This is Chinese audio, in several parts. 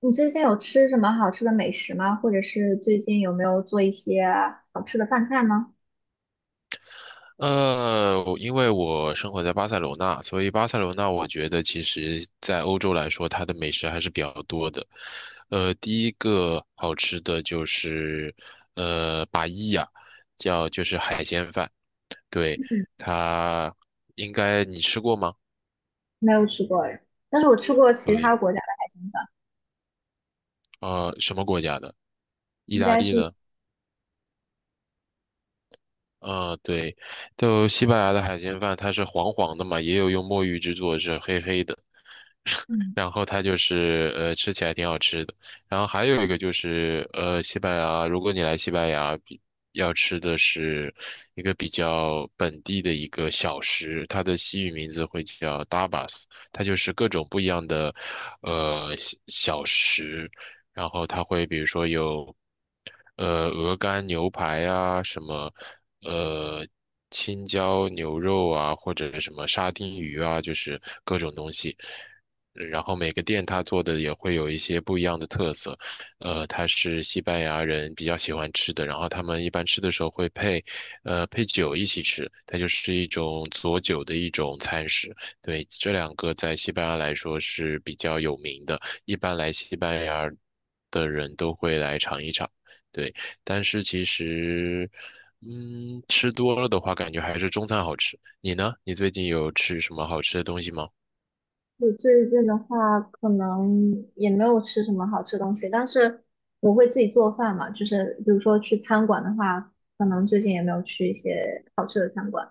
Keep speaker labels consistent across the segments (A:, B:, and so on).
A: 你最近有吃什么好吃的美食吗？或者是最近有没有做一些好吃的饭菜呢？
B: 我因为我生活在巴塞罗那，所以巴塞罗那我觉得其实在欧洲来说，它的美食还是比较多的。第一个好吃的就是巴伊亚，叫就是海鲜饭，对，它应该你吃过吗？
A: 没有吃过哎，但是我吃过其他
B: 对，
A: 国家的海鲜饭，
B: 什么国家的？意
A: 应
B: 大
A: 该
B: 利
A: 是
B: 的。对，就西班牙的海鲜饭，它是黄黄的嘛，也有用墨鱼制作，是黑黑的。
A: 嗯，
B: 然后它就是吃起来挺好吃的。然后还有一个就是西班牙，如果你来西班牙，比要吃的是一个比较本地的一个小食，它的西语名字会叫 tapas,它就是各种不一样的小小食，然后它会比如说有鹅肝牛排啊什么。呃，青椒牛肉啊，或者什么沙丁鱼啊，就是各种东西。然后每个店它做的也会有一些不一样的特色，它是西班牙人比较喜欢吃的，然后他们一般吃的时候会配，配酒一起吃，它就是一种佐酒的一种餐食。对，这两个在西班牙来说是比较有名的，一般来西班牙的人都会来尝一尝。对，但是其实，嗯，吃多了的话，感觉还是中餐好吃。你呢？你最近有吃什么好吃的东西吗？
A: 我最近的话可能也没有吃什么好吃的东西，但是我会自己做饭嘛，就是比如说去餐馆的话，可能最近也没有去一些好吃的餐馆。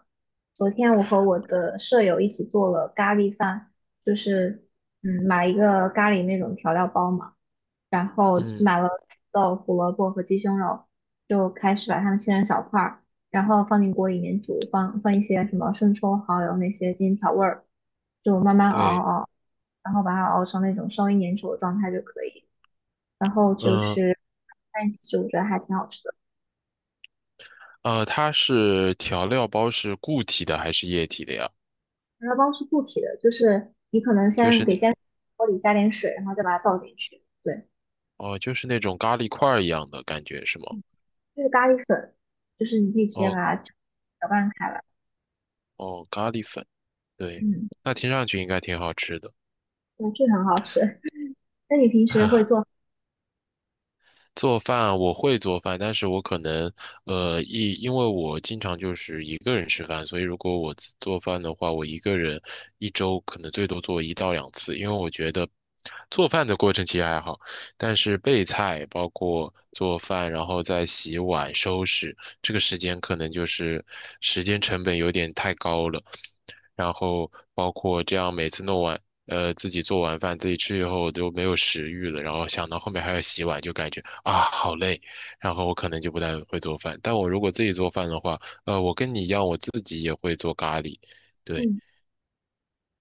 A: 昨天我和我的舍友一起做了咖喱饭，就是买了一个咖喱那种调料包嘛。然后
B: 嗯，
A: 买了土豆、胡萝卜和鸡胸肉，就开始把它们切成小块儿，然后放进锅里面煮，放一些什么生抽、蚝油那些进行调味儿，就慢慢熬
B: 对。
A: 熬，然后把它熬成那种稍微粘稠的状态就可以。然后就
B: 嗯
A: 是在一起吃，我觉得还挺好吃的。
B: 它是调料包是固体的还是液体的呀？
A: 它包是固体的，就是你可能
B: 就
A: 先
B: 是
A: 得
B: 那
A: 先锅里加点水，然后再把它倒进去。对，
B: 哦，就是那种咖喱块儿一样的感觉是吗？
A: 这是咖喱粉，就是你可以直接把
B: 哦
A: 它搅拌开来。
B: 哦，咖喱粉，对，
A: 嗯，
B: 那听上去应该挺好吃的。
A: 对，这个很好吃。那你平时会做？
B: 做饭我会做饭，但是我可能，一因为我经常就是一个人吃饭，所以如果我自做饭的话，我一个人一周可能最多做一到两次，因为我觉得做饭的过程其实还好，但是备菜包括做饭，然后再洗碗、收拾，这个时间可能就是时间成本有点太高了。然后包括这样每次弄完，自己做完饭自己吃以后都没有食欲了，然后想到后面还要洗碗，就感觉啊好累，然后我可能就不太会做饭。但我如果自己做饭的话，我跟你一样，我自己也会做咖喱，对
A: 嗯，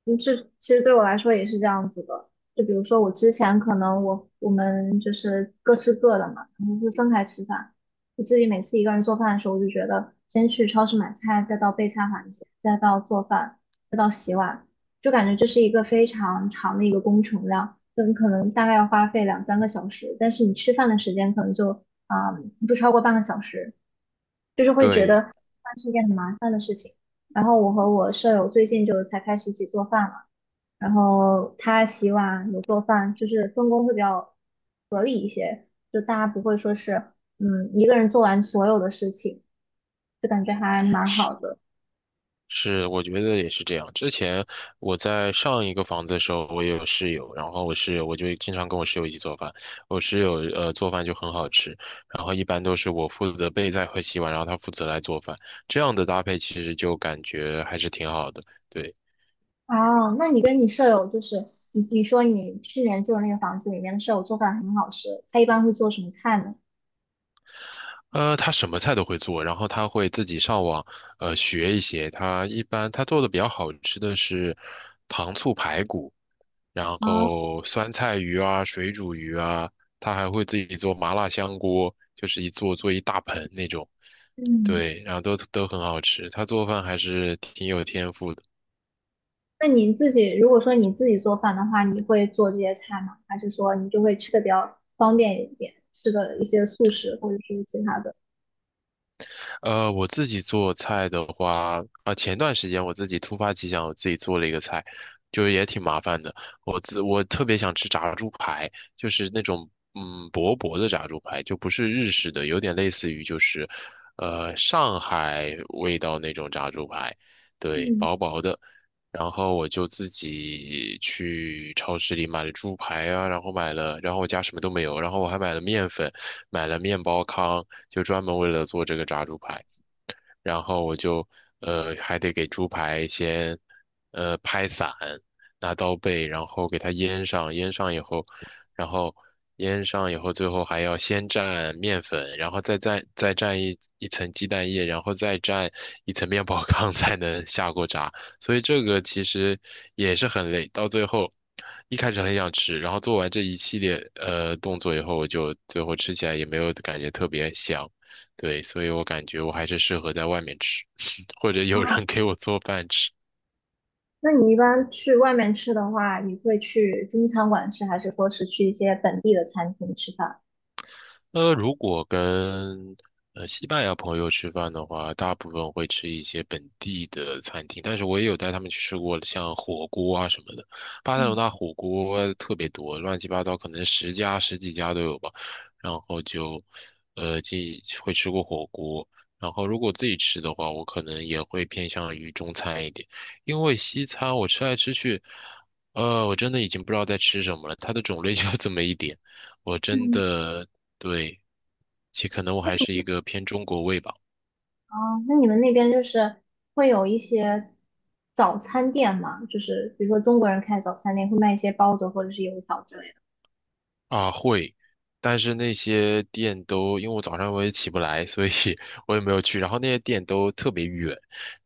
A: 就是，其实对我来说也是这样子的。就比如说，我之前可能我们就是各吃各的嘛，然后会分开吃饭。我自己每次一个人做饭的时候，我就觉得先去超市买菜，再到备菜环节，再到做饭，再到洗碗，就感觉这是一个非常长的一个工程量，就你可能大概要花费两三个小时，但是你吃饭的时间可能就啊、不超过半个小时。就是会觉
B: 对。
A: 得饭是一件很麻烦的事情。然后我和我舍友最近就才开始一起做饭嘛，然后他洗碗，我做饭，就是分工会比较合理一些，就大家不会说是一个人做完所有的事情，就感觉还蛮好的。
B: 是，我觉得也是这样。之前我在上一个房子的时候，我也有室友，然后我室友我就经常跟我室友一起做饭。我室友做饭就很好吃，然后一般都是我负责备菜和洗碗，然后他负责来做饭。这样的搭配其实就感觉还是挺好的。对，
A: 哦，那你跟你舍友就是你你说你去年住的那个房子里面的舍友做饭很好吃，他一般会做什么菜呢？
B: 他什么菜都会做，然后他会自己上网学一些。他一般做的比较好吃的是糖醋排骨。然
A: 啊，
B: 后酸菜鱼啊、水煮鱼啊，他还会自己做麻辣香锅，就是做一大盆那种，
A: 嗯。
B: 对，然后都很好吃。他做饭还是挺有天赋的。
A: 那你自己如果说你自己做饭的话，你会做这些菜吗？还是说你就会吃的比较方便一点，吃的一些素食或者是其他的？
B: 我自己做菜的话，啊、前段时间我自己突发奇想，我自己做了一个菜，就是也挺麻烦的。我特别想吃炸猪排，就是那种薄薄的炸猪排，就不是日式的，有点类似于就是上海味道那种炸猪排，对，
A: 嗯，
B: 薄薄的。然后我就自己去超市里买了猪排啊，然后买了，然后我家什么都没有，然后我还买了面粉，买了面包糠。就专门为了做这个炸猪排。然后我就还得给猪排先拍散，拿刀背，然后给它腌上，腌上以后，然后腌上以后，最后还要先蘸面粉，然后再蘸一层鸡蛋液，然后再蘸一层面包糠 才能下锅炸。所以这个其实也是很累，到最后。一开始很想吃，然后做完这一系列动作以后，我就最后吃起来也没有感觉特别香。对，所以我感觉我还是适合在外面吃，或者有人给我做饭吃。
A: 那你一般去外面吃的话，你会去中餐馆吃，还是说是去一些本地的餐厅吃饭？
B: 如果跟西班牙朋友吃饭的话，大部分会吃一些本地的餐厅，但是我也有带他们去吃过像火锅啊什么的。巴塞罗
A: 嗯，
B: 那火锅特别多，乱七八糟，可能十家十几家都有吧。然后就既会吃过火锅，然后如果自己吃的话，我可能也会偏向于中餐一点，因为西餐我吃来吃去，我真的已经不知道在吃什么了，它的种类就这么一点。我真
A: 嗯，
B: 的对，其可能我还是一个偏中国胃吧。
A: 哦，那你们那边就是会有一些早餐店吗？就是比如说中国人开的早餐店会卖一些包子或者是油条之类的。
B: 啊，会，但是那些店都，因为我早上我也起不来，所以 我也没有去。然后那些店都特别远，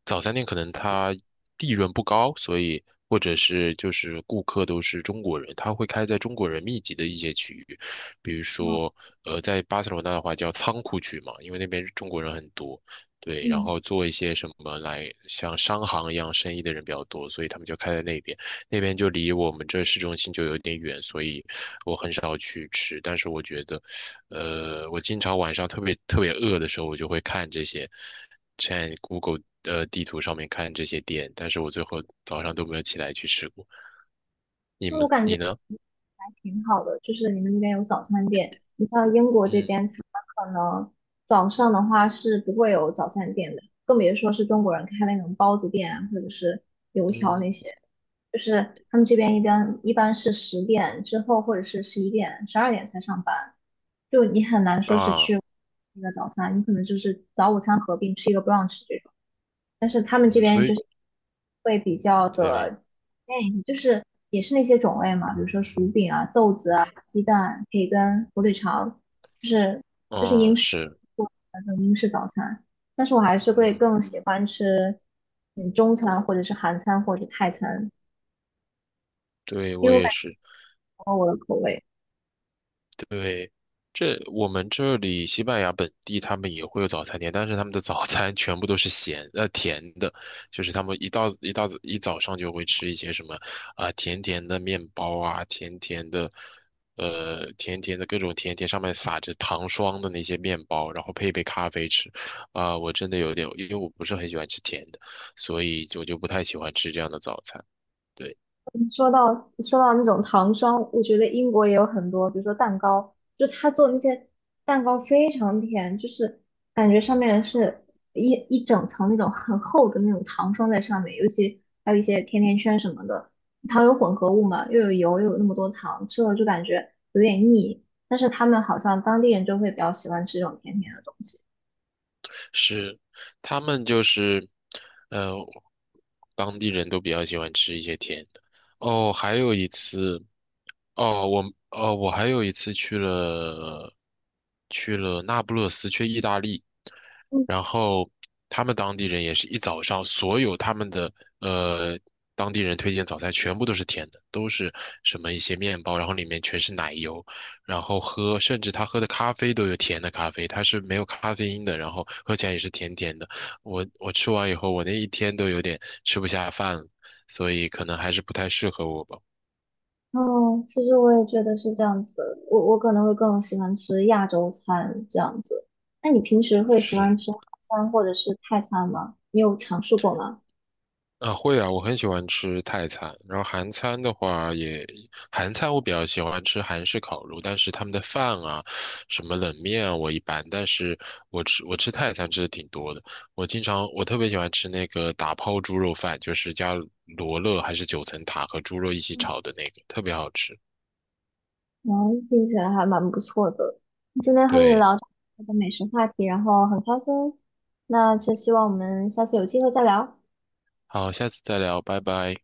B: 早餐店可能它利润不高，所以或者是就是顾客都是中国人，他会开在中国人密集的一些区域，比如说在巴塞罗那的话叫仓库区嘛，因为那边中国人很多。对，然
A: 嗯，
B: 后做一些什么来像商行一样生意的人比较多，所以他们就开在那边。那边就离我们这市中心就有点远，所以我很少去吃。但是我觉得，我经常晚上特别特别饿的时候，我就会看这些，在 Google 地图上面看这些店，但是我最后早上都没有起来去吃过。你
A: 那我
B: 们
A: 感觉。
B: 你呢？
A: 还挺好的，就是你们那边有早餐店。你像英国这
B: 嗯
A: 边，它可能早上的话是不会有早餐店的，更别说是中国人开那种包子店啊或者是油条那
B: 嗯
A: 些。就是他们这边一般是10点之后或者是11点、12点才上班，就你很难说是
B: 啊
A: 去那个早餐，你可能就是早午餐合并吃一个 brunch。这种。但是他们这
B: 嗯，
A: 边
B: 所
A: 就
B: 以
A: 是会比较
B: 对，
A: 的，哎，就是也是那些种类嘛，比如说薯饼啊、豆子啊、鸡蛋、培根、火腿肠，就是就是
B: 嗯
A: 英式
B: 是，
A: 那种英式早餐。但是我还是会
B: 嗯
A: 更喜欢吃嗯中餐或者是韩餐或者泰餐，
B: 对
A: 因
B: 我
A: 为我
B: 也
A: 感觉
B: 是。
A: 我的口味。
B: 对，这我们这里西班牙本地他们也会有早餐店，但是他们的早餐全部都是咸甜的，就是他们一早上就会吃一些什么啊、甜甜的面包啊，甜甜的甜甜的各种甜甜上面撒着糖霜的那些面包，然后配一杯咖啡吃。啊、我真的有点，因为我不是很喜欢吃甜的，所以我就不太喜欢吃这样的早餐。对。
A: 嗯说到那种糖霜，我觉得英国也有很多，比如说蛋糕，就他做那些蛋糕非常甜，就是感觉上面是一整层那种很厚的那种糖霜在上面，尤其还有一些甜甜圈什么的，糖有混合物嘛，又有油，又有那么多糖，吃了就感觉有点腻。但是他们好像当地人就会比较喜欢吃这种甜甜的东西。
B: 是，他们就是，呃，当地人都比较喜欢吃一些甜的。哦，还有一次，哦，我哦，我还有一次去了去了那不勒斯，去意大利，然后他们当地人也是一早上，所有他们的呃当地人推荐早餐全部都是甜的，都是什么一些面包，然后里面全是奶油，然后喝，甚至他喝的咖啡都有甜的咖啡，它是没有咖啡因的，然后喝起来也是甜甜的。我吃完以后，我那一天都有点吃不下饭了，所以可能还是不太适合我吧。
A: 哦，其实我也觉得是这样子的，我可能会更喜欢吃亚洲餐这样子。那你平时会喜
B: 是。
A: 欢吃韩餐或者是泰餐吗？你有尝试过吗？
B: 啊，会啊，我很喜欢吃泰餐，然后韩餐的话也，韩餐我比较喜欢吃韩式烤肉，但是他们的饭啊，什么冷面啊，我一般，但是我吃泰餐吃的挺多的，我经常我特别喜欢吃那个打抛猪肉饭，就是加罗勒还是九层塔和猪肉一起炒的那个，特别好吃。
A: 嗯，听起来还蛮不错的。今天和你
B: 对，
A: 聊这个美食话题，然后很开心。那就希望我们下次有机会再聊。
B: 好，下次再聊，拜拜。